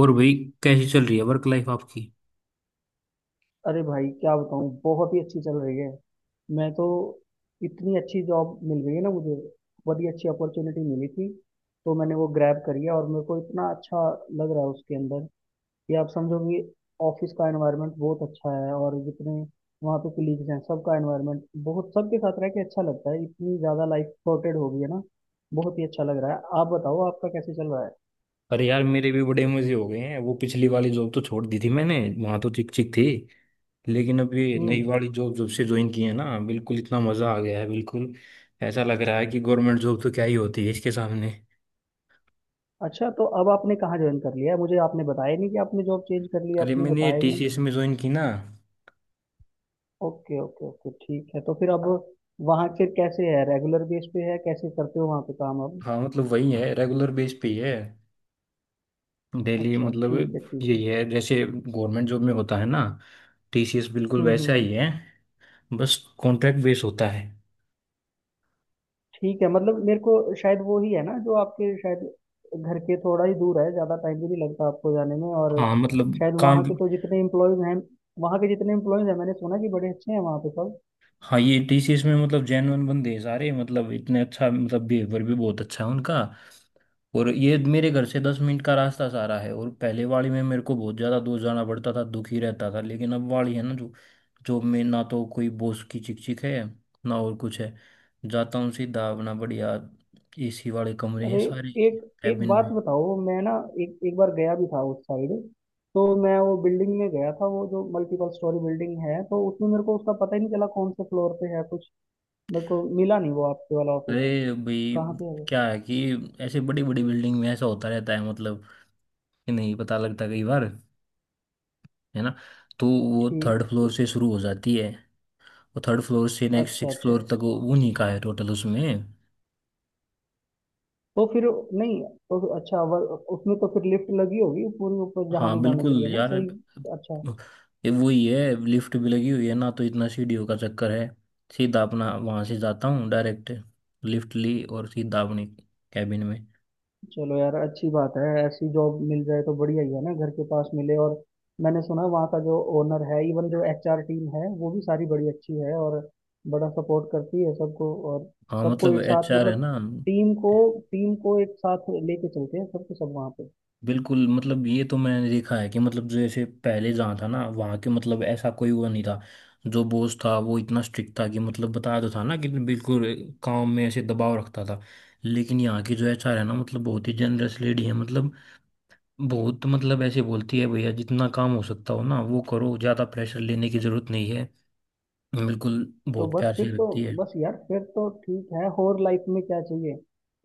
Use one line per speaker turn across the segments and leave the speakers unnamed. और भाई, कैसी चल रही है वर्क लाइफ आपकी?
अरे भाई क्या बताऊँ, बहुत ही अच्छी चल रही है। मैं तो इतनी अच्छी जॉब मिल गई है ना मुझे। बहुत ही अच्छी अपॉर्चुनिटी मिली थी तो मैंने वो ग्रैब करी है और मेरे को इतना अच्छा लग रहा है उसके अंदर कि आप समझो कि ऑफिस का एनवायरनमेंट बहुत अच्छा है और जितने वहाँ पे कलीग्स हैं सबका एनवायरनमेंट बहुत, सबके साथ रह के अच्छा लगता है। इतनी ज़्यादा लाइफ सॉर्टेड हो गई है ना। बहुत ही अच्छा लग रहा है। आप बताओ, आपका कैसे चल रहा है?
अरे यार, मेरे भी बड़े मजे हो गए हैं। वो पिछली वाली जॉब तो छोड़ दी थी मैंने, वहां तो चिक चिक थी। लेकिन अब ये नई
हम्म।
वाली जॉब जब से ज्वाइन की है ना, बिल्कुल इतना मजा आ गया है। बिल्कुल ऐसा लग रहा है कि गवर्नमेंट जॉब तो क्या ही होती है इसके सामने।
अच्छा, तो अब आपने कहाँ ज्वाइन कर लिया है? मुझे आपने बताया नहीं कि आपने जॉब चेंज कर ली है,
अरे,
आपने
मैंने
बताया नहीं।
टीसीएस में ज्वाइन की ना।
ओके ओके ओके, ठीक है। तो फिर अब वहाँ के कैसे है? रेगुलर बेस पे है? कैसे करते हो वहाँ पे काम अब?
हाँ मतलब, वही है, रेगुलर बेस पे ही है। डेली
अच्छा
मतलब
ठीक है ठीक है।
यही है, जैसे गवर्नमेंट जॉब में होता है ना। टीसीएस बिल्कुल वैसा
हम्म।
ही है। बस कॉन्ट्रैक्ट बेस होता है।
ठीक है। मतलब मेरे को शायद वो ही है ना जो आपके, शायद घर के थोड़ा ही दूर है, ज़्यादा टाइम भी नहीं लगता आपको जाने में। और
हाँ मतलब
शायद
काम।
वहाँ के जितने एम्प्लॉयज़ हैं, मैंने सुना कि बड़े अच्छे हैं वहाँ पे सब।
हाँ, ये टीसीएस में मतलब जेन्युइन बंदे हैं सारे, मतलब इतने अच्छा, मतलब बिहेवियर भी बहुत अच्छा है उनका। और ये मेरे घर से 10 मिनट का रास्ता सारा है। और पहले वाली में मेरे को बहुत ज़्यादा दूर जाना पड़ता था, दुखी रहता था। लेकिन अब वाली है ना, जो जॉब, में ना तो कोई बॉस की चिक चिक है, ना और कुछ है। जाता हूँ सीधा अपना, बढ़िया एसी वाले कमरे हैं
अरे
सारे,
एक एक
कैबिन
बात
में।
बताओ, मैं ना एक एक बार गया भी था उस साइड। तो मैं वो बिल्डिंग में गया था, वो जो मल्टीपल स्टोरी बिल्डिंग है, तो उसमें मेरे को उसका पता ही नहीं चला कौन से फ्लोर पे है कुछ। मेरे को मिला नहीं वो आपके वाला ऑफिस।
अरे भाई,
कहाँ पे है वो?
क्या है कि ऐसे बड़ी बड़ी बिल्डिंग में ऐसा होता रहता है मतलब, कि नहीं पता लगता कई बार, है ना। तो वो
ठीक।
थर्ड फ्लोर से शुरू हो जाती है। वो थर्ड फ्लोर से नेक्स्ट
अच्छा
सिक्स
अच्छा।
फ्लोर तक वो नहीं का है टोटल उसमें।
तो फिर नहीं। तो अच्छा उसमें तो फिर लिफ्ट लगी होगी पूरी, ऊपर जहाँ
हाँ
भी जाने
बिल्कुल
के लिए ना
यार,
सही? अच्छा।
ये वही है। लिफ्ट भी लगी हुई है ना, तो इतना सीढ़ियों का चक्कर है। सीधा अपना वहां से जाता हूँ डायरेक्ट। लिफ्ट ली और सीधा अपने कैबिन में।
चलो यार, अच्छी बात है। ऐसी जॉब मिल जाए तो बढ़िया ही है ना, घर के पास मिले। और मैंने सुना वहाँ का जो ओनर है, इवन जो एचआर टीम है, वो भी सारी बड़ी अच्छी है और बड़ा सपोर्ट करती है सबको, और
हाँ
सबको
मतलब,
एक साथ
एचआर है
मतलब
ना।
टीम को टीम को एक साथ लेके चलते हैं सबके सब वहाँ पे।
बिल्कुल मतलब, ये तो मैंने देखा है कि मतलब जैसे पहले जहाँ था ना वहाँ के, मतलब ऐसा कोई वो नहीं था। जो बॉस था वो इतना स्ट्रिक्ट था कि, मतलब बताया तो था ना कि बिल्कुल, काम में ऐसे दबाव रखता था। लेकिन यहाँ की जो एचआर है ना, मतलब बहुत ही जनरस लेडी है। मतलब बहुत, मतलब ऐसे बोलती है, भैया जितना काम हो सकता हो ना वो करो, ज़्यादा प्रेशर लेने की ज़रूरत नहीं है बिल्कुल।
तो
बहुत
बस
प्यार
फिर
से
तो,
रखती है।
बस यार फिर तो ठीक है। और लाइफ में क्या चाहिए?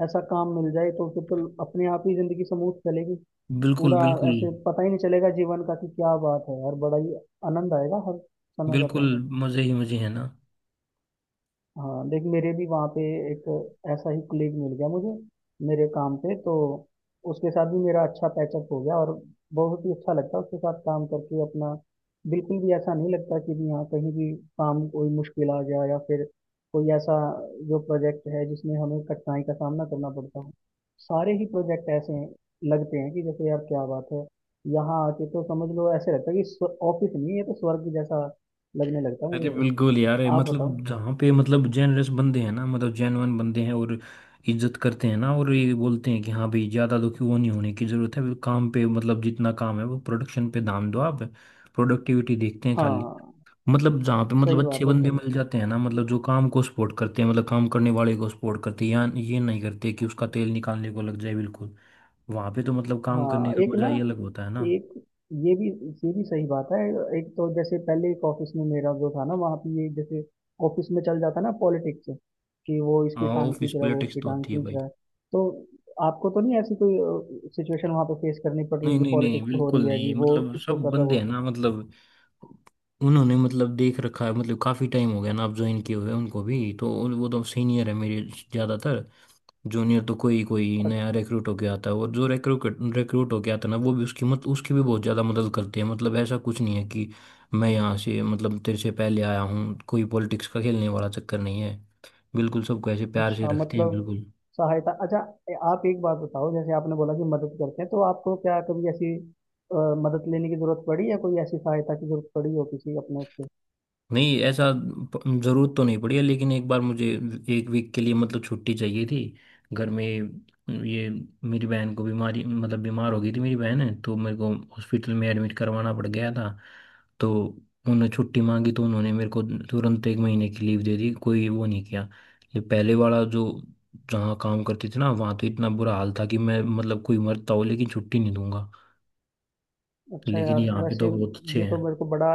ऐसा काम मिल जाए तो फिर तो अपने आप ही जिंदगी स्मूथ चलेगी
बिल्कुल,
पूरा।
बिल्कुल,
ऐसे पता ही नहीं चलेगा जीवन का कि क्या बात है यार। बड़ा ही आनंद आएगा हर समय का
बिल्कुल
तो।
मज़े ही मज़े है ना।
हाँ देख, मेरे भी वहाँ पे एक ऐसा ही कलीग मिल गया मुझे मेरे काम पे। तो उसके साथ भी मेरा अच्छा पैचअप हो गया और बहुत ही अच्छा लगता है उसके साथ काम करके अपना। बिल्कुल भी ऐसा नहीं लगता कि भी हाँ कहीं भी काम कोई मुश्किल आ गया या फिर कोई ऐसा जो प्रोजेक्ट है जिसमें हमें कठिनाई का सामना करना पड़ता हो। सारे ही प्रोजेक्ट ऐसे हैं, लगते हैं कि जैसे यार क्या बात है। यहाँ आके तो समझ लो ऐसे लगता है कि ऑफिस नहीं है ये तो, स्वर्ग जैसा लगने लगता है
अरे
मुझे वो।
बिल्कुल यार, ये
आप बताओ।
मतलब जहाँ पे, मतलब जेनरस बंदे हैं ना, मतलब जेनवन बंदे हैं। और इज्जत करते हैं ना। और ये बोलते हैं कि हाँ भाई, ज़्यादा दुखी वो नहीं होने की ज़रूरत है काम पे। मतलब जितना काम है वो, प्रोडक्शन पे ध्यान दो आप। प्रोडक्टिविटी देखते हैं खाली।
हाँ
मतलब जहाँ पे,
सही
मतलब अच्छे
बात है
बंदे
सही।
मिल जाते हैं ना, मतलब जो काम को सपोर्ट करते हैं, मतलब काम करने वाले को सपोर्ट करते हैं। या ये नहीं करते कि उसका तेल निकालने को लग जाए बिल्कुल। वहाँ पे तो मतलब काम करने
हाँ
का
एक
मजा
ना,
ही अलग होता है ना।
एक ये भी ये भी सही बात है। एक तो जैसे पहले एक ऑफिस में मेरा जो था ना, वहाँ पे ये जैसे ऑफिस में चल जाता ना पॉलिटिक्स, कि वो इसकी
हाँ,
टांग
ऑफिस
खींच रहा है, वो
पॉलिटिक्स
उसकी
तो
टांग
होती है
खींच
भाई।
रहा है। तो आपको तो नहीं ऐसी कोई सिचुएशन वहाँ पे फेस करनी पड़ रही
नहीं,
कि
नहीं, नहीं,
पॉलिटिक्स हो
बिल्कुल
रही है
नहीं।
जी, वो
मतलब
उसको
सब
कर रहा है वो
बंदे हैं
उसको
ना,
कर
मतलब उन्होंने मतलब देख रखा है। मतलब काफी टाइम हो गया ना, अब ज्वाइन किए हुए उनको भी। तो वो तो सीनियर है मेरे, ज्यादातर। जूनियर तो कोई कोई
रहा है?
नया रिक्रूट होके आता है। और जो रिक्रूट रिक्रूट होके आता है ना, वो भी उसकी मत उसकी भी बहुत ज्यादा मदद करते हैं। मतलब ऐसा कुछ नहीं है कि मैं यहाँ से मतलब तेरे से पहले आया हूँ, कोई पॉलिटिक्स का खेलने वाला चक्कर नहीं है। बिल्कुल सबको ऐसे प्यार से
अच्छा
रखते हैं
मतलब
बिल्कुल।
सहायता, अच्छा। आप एक बात बताओ, जैसे आपने बोला कि मदद करते हैं, तो आपको क्या कभी ऐसी अ, मदद लेने की जरूरत पड़ी या कोई ऐसी सहायता की जरूरत पड़ी हो किसी अपने उससे?
नहीं, ऐसा जरूरत तो नहीं पड़ी है। लेकिन एक बार मुझे 1 वीक के लिए मतलब छुट्टी चाहिए थी, घर में ये, मेरी बहन को बीमारी, मतलब बीमार हो गई थी मेरी बहन है, तो मेरे को हॉस्पिटल में एडमिट करवाना पड़ गया था। तो उन्होंने छुट्टी मांगी तो उन्होंने मेरे को तुरंत 1 महीने की लीव दे दी, कोई वो नहीं किया। ये पहले वाला जो, जहाँ काम करती थी ना, वहाँ तो इतना बुरा हाल था कि मैं, मतलब कोई मरता हो लेकिन छुट्टी नहीं दूंगा।
अच्छा
लेकिन
यार,
यहाँ पे
वैसे
तो बहुत अच्छे
ये
हैं।
तो मेरे को बड़ा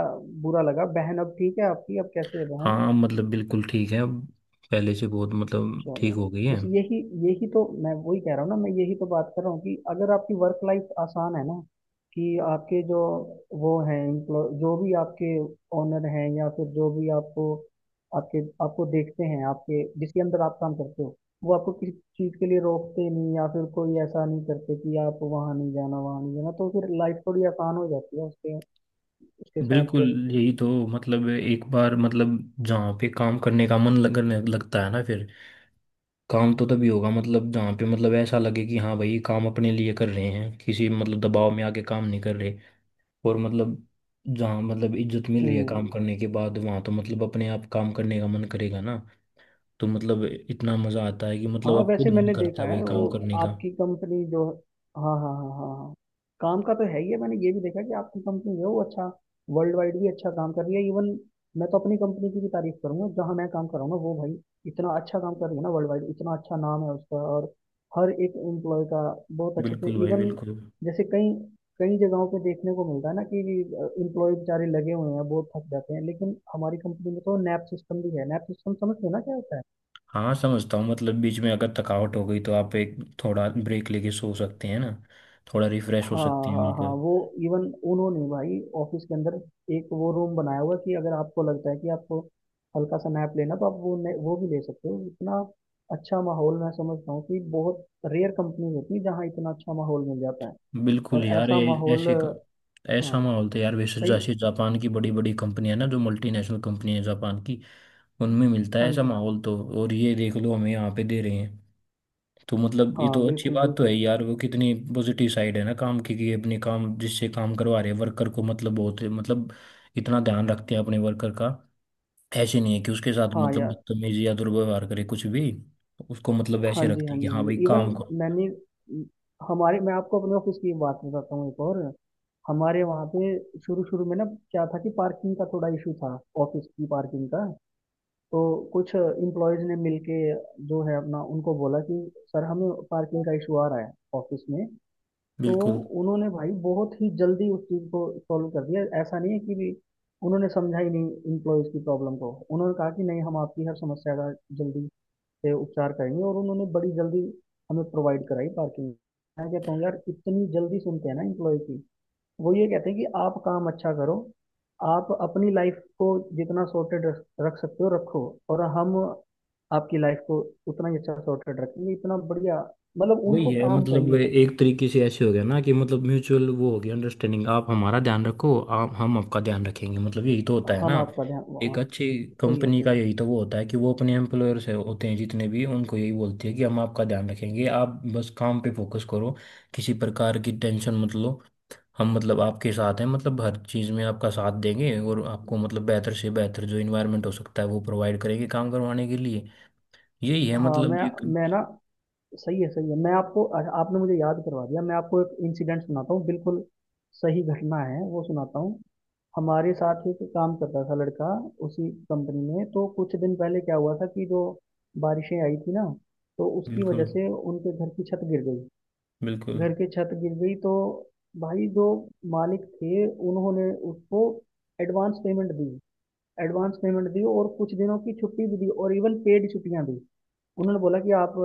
बुरा लगा। बहन अब ठीक है आपकी? अब कैसे है बहन?
हाँ मतलब बिल्कुल ठीक है अब, पहले से बहुत मतलब ठीक
चलो।
हो गई है।
बस यही यही तो मैं वही कह रहा हूँ ना, मैं यही तो बात कर रहा हूँ कि अगर आपकी वर्क लाइफ आसान है ना, कि आपके जो वो हैं एम्प्लॉय जो भी आपके ओनर हैं, या फिर जो भी आपको आपके आपको देखते हैं, आपके जिसके अंदर आप काम करते हो, वो आपको किसी चीज़ के लिए रोकते नहीं या फिर कोई ऐसा नहीं करते कि आप वहाँ नहीं जाना वहाँ नहीं जाना, तो फिर लाइफ थोड़ी आसान हो जाती है उसके उसके साथ
बिल्कुल
फिर।
यही तो। मतलब एक बार मतलब जहाँ पे काम करने का मन करने लगता है ना, फिर काम तो तभी होगा। मतलब जहाँ पे मतलब ऐसा लगे कि हाँ भाई काम अपने लिए कर रहे हैं, किसी मतलब दबाव में आके काम नहीं कर रहे। और मतलब जहाँ मतलब इज्जत मिल रही है काम
हम्म।
करने के बाद, वहाँ तो मतलब अपने आप काम करने का मन करेगा ना। तो मतलब इतना मज़ा आता है कि
हाँ
मतलब आप खुद
वैसे
मन
मैंने
करता
देखा
है भाई
है वो
काम करने का।
आपकी कंपनी जो, हाँ हाँ हाँ हाँ हाँ, काम का तो है ही है। मैंने ये भी देखा कि आपकी कंपनी जो है वो अच्छा वर्ल्ड वाइड भी अच्छा काम कर रही है इवन। मैं तो अपनी कंपनी की भी तारीफ करूंगा, जहाँ मैं काम कर रहा हूँ ना वो, भाई इतना अच्छा काम कर रही है ना वर्ल्ड वाइड, इतना अच्छा नाम है उसका और हर एक एम्प्लॉय का बहुत अच्छे से
बिल्कुल भाई
इवन।
बिल्कुल।
जैसे कई कई जगहों पे देखने को मिलता है ना कि एम्प्लॉय बेचारे लगे हुए हैं, बहुत थक जाते हैं, लेकिन हमारी कंपनी में तो नैप सिस्टम भी है। नैप सिस्टम समझते हो ना क्या होता है?
हाँ समझता हूँ मतलब, बीच में अगर थकावट हो गई तो आप एक थोड़ा ब्रेक लेके सो सकते हैं ना, थोड़ा रिफ्रेश हो
हाँ
सकते हैं
हाँ हाँ।
बिल्कुल।
वो इवन उन्होंने भाई ऑफिस के अंदर एक वो रूम बनाया हुआ है कि अगर आपको लगता है कि आपको हल्का सा नैप लेना, तो आप वो भी ले सकते हो। इतना अच्छा माहौल, मैं समझता हूँ कि बहुत रेयर कंपनी होती है जहाँ इतना अच्छा माहौल मिल जाता है।
बिल्कुल
और
यार,
ऐसा माहौल,
ऐसा
हाँ
माहौल तो यार वैसे
सही,
जैसे जापान की बड़ी बड़ी कंपनियां ना, जो मल्टीनेशनल कंपनी है जापान की, उनमें मिलता है
हाँ
ऐसा
जी,
माहौल। तो और ये देख लो हमें यहाँ पे दे रहे हैं। तो मतलब ये
हाँ
तो अच्छी
बिल्कुल
बात तो है
बिल्कुल,
यार। वो कितनी पॉजिटिव साइड है ना काम की, कि अपने काम जिससे काम करवा रहे हैं वर्कर को, मतलब बहुत मतलब इतना ध्यान रखते हैं अपने वर्कर का। ऐसे नहीं है कि उसके साथ
हाँ
मतलब
यार,
बदतमीजी या दुर्व्यवहार करे कुछ भी। उसको मतलब
हाँ
ऐसे
जी
रखती
हाँ
है कि
जी हाँ
हाँ
जी
भाई
इवन,
काम करो
मैंने हमारे, मैं आपको अपने ऑफिस की बात बताता हूँ एक और। हमारे वहाँ पे शुरू शुरू में ना क्या था कि पार्किंग का थोड़ा इशू था, ऑफिस की पार्किंग का। तो कुछ इम्प्लॉयज ने मिलके जो है अपना उनको बोला कि सर हमें पार्किंग का इशू आ रहा है ऑफिस में। तो
बिल्कुल।
उन्होंने भाई बहुत ही जल्दी उस चीज़ को सॉल्व कर दिया। ऐसा नहीं है कि भी उन्होंने समझा ही नहीं इम्प्लॉयज की प्रॉब्लम को। उन्होंने कहा कि नहीं, हम आपकी हर समस्या का जल्दी से उपचार करेंगे, और उन्होंने बड़ी जल्दी हमें प्रोवाइड कराई पार्किंग। मैं कहता हूँ यार इतनी जल्दी सुनते हैं ना इम्प्लॉय की। वो ये कहते हैं कि आप काम अच्छा करो, आप अपनी लाइफ को जितना सॉर्टेड रख रख सकते हो रखो, और हम आपकी लाइफ को उतना ही अच्छा सॉर्टेड रखेंगे। इतना बढ़िया, मतलब
वही
उनको
है
काम
मतलब वे
चाहिए।
एक तरीके से ऐसे हो गया ना, कि मतलब म्यूचुअल वो हो गया अंडरस्टैंडिंग। आप हमारा ध्यान रखो, आप हम आपका ध्यान रखेंगे। मतलब यही तो होता है ना
हम आपका ध्यान
एक
वहाँ,
अच्छी
सही है
कंपनी का।
सही है।
यही तो वो होता है कि वो अपने एम्प्लॉयर से होते हैं जितने भी उनको, यही बोलती है कि हम आपका ध्यान रखेंगे, आप बस काम पे फोकस करो, किसी प्रकार की टेंशन मत लो। हम मतलब आपके साथ हैं, मतलब हर चीज़ में आपका साथ देंगे। और आपको मतलब बेहतर से बेहतर जो इन्वायरमेंट हो सकता है वो प्रोवाइड करेंगे काम करवाने के लिए। यही है
हाँ
मतलब
मैं
एक।
मैं ना, सही है सही है। मैं आपको अच्छा, आपने मुझे याद करवा दिया, मैं आपको एक इंसिडेंट सुनाता हूँ, बिल्कुल सही घटना है वो सुनाता हूँ। हमारे साथ ही एक काम करता था लड़का उसी कंपनी में। तो कुछ दिन पहले क्या हुआ था कि जो बारिशें आई थी ना, तो उसकी वजह
बिल्कुल
से उनके घर की छत गिर गई।
बिल्कुल।
घर की छत गिर गई तो भाई जो मालिक थे, उन्होंने उसको एडवांस पेमेंट दी, एडवांस पेमेंट दी, और कुछ दिनों की छुट्टी भी दी, और इवन पेड छुट्टियां दी। उन्होंने बोला कि आप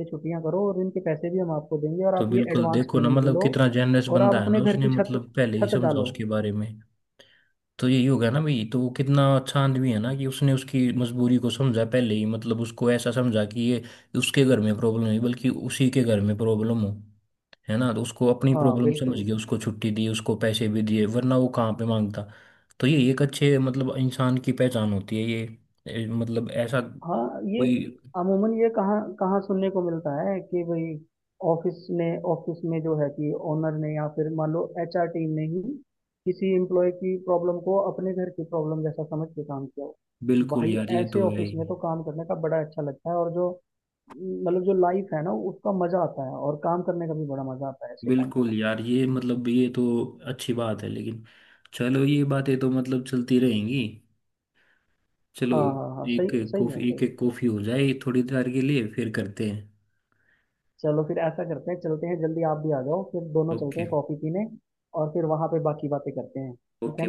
ये छुट्टियां करो और इनके पैसे भी हम आपको देंगे, और
तो
आप ये
बिल्कुल
एडवांस
देखो ना,
पेमेंट भी
मतलब
लो
कितना जेनरस
और आप
बंदा है ना,
अपने घर
उसने
की छत
मतलब पहले ही
छत
समझा
डालो।
उसके बारे में। तो यही हो गया ना भाई, तो वो कितना अच्छा आदमी है ना, कि उसने उसकी मजबूरी को समझा पहले ही। मतलब उसको ऐसा समझा कि ये उसके घर में प्रॉब्लम नहीं, बल्कि उसी के घर में प्रॉब्लम हो, है ना। तो उसको अपनी
हाँ
प्रॉब्लम समझ
बिल्कुल।
गया, उसको छुट्टी दी, उसको पैसे भी दिए, वरना वो कहाँ पे मांगता। तो ये एक अच्छे मतलब इंसान की पहचान होती है ये। मतलब ऐसा
हाँ, ये
कोई।
अमूमन ये कहाँ कहाँ सुनने को मिलता है कि भाई ऑफिस ने ऑफिस में जो है कि ओनर ने या फिर मान लो एचआर टीम ने ही किसी एम्प्लॉय की प्रॉब्लम को अपने घर की प्रॉब्लम जैसा समझ के काम किया हो।
बिल्कुल
भाई
यार ये
ऐसे
तो है
ऑफिस में
ही।
तो काम करने का बड़ा अच्छा लगता है, और जो मतलब जो लाइफ है ना उसका मजा आता है और काम करने का भी बड़ा मजा आता है ऐसे टाइम पे।
बिल्कुल यार ये मतलब ये तो अच्छी बात है, लेकिन चलो ये बातें तो मतलब चलती रहेंगी। चलो
हाँ हाँ हाँ, सही,
एक एक
सही है
कॉफी, एक
सही है
एक
सही है।
कॉफी हो जाए थोड़ी देर के लिए, फिर करते हैं।
चलो फिर ऐसा करते हैं, चलते हैं जल्दी, आप भी आ जाओ, फिर दोनों चलते
ओके
हैं कॉफी पीने और फिर वहां पे बाकी बातें करते हैं, ठीक
ओके।
है ना?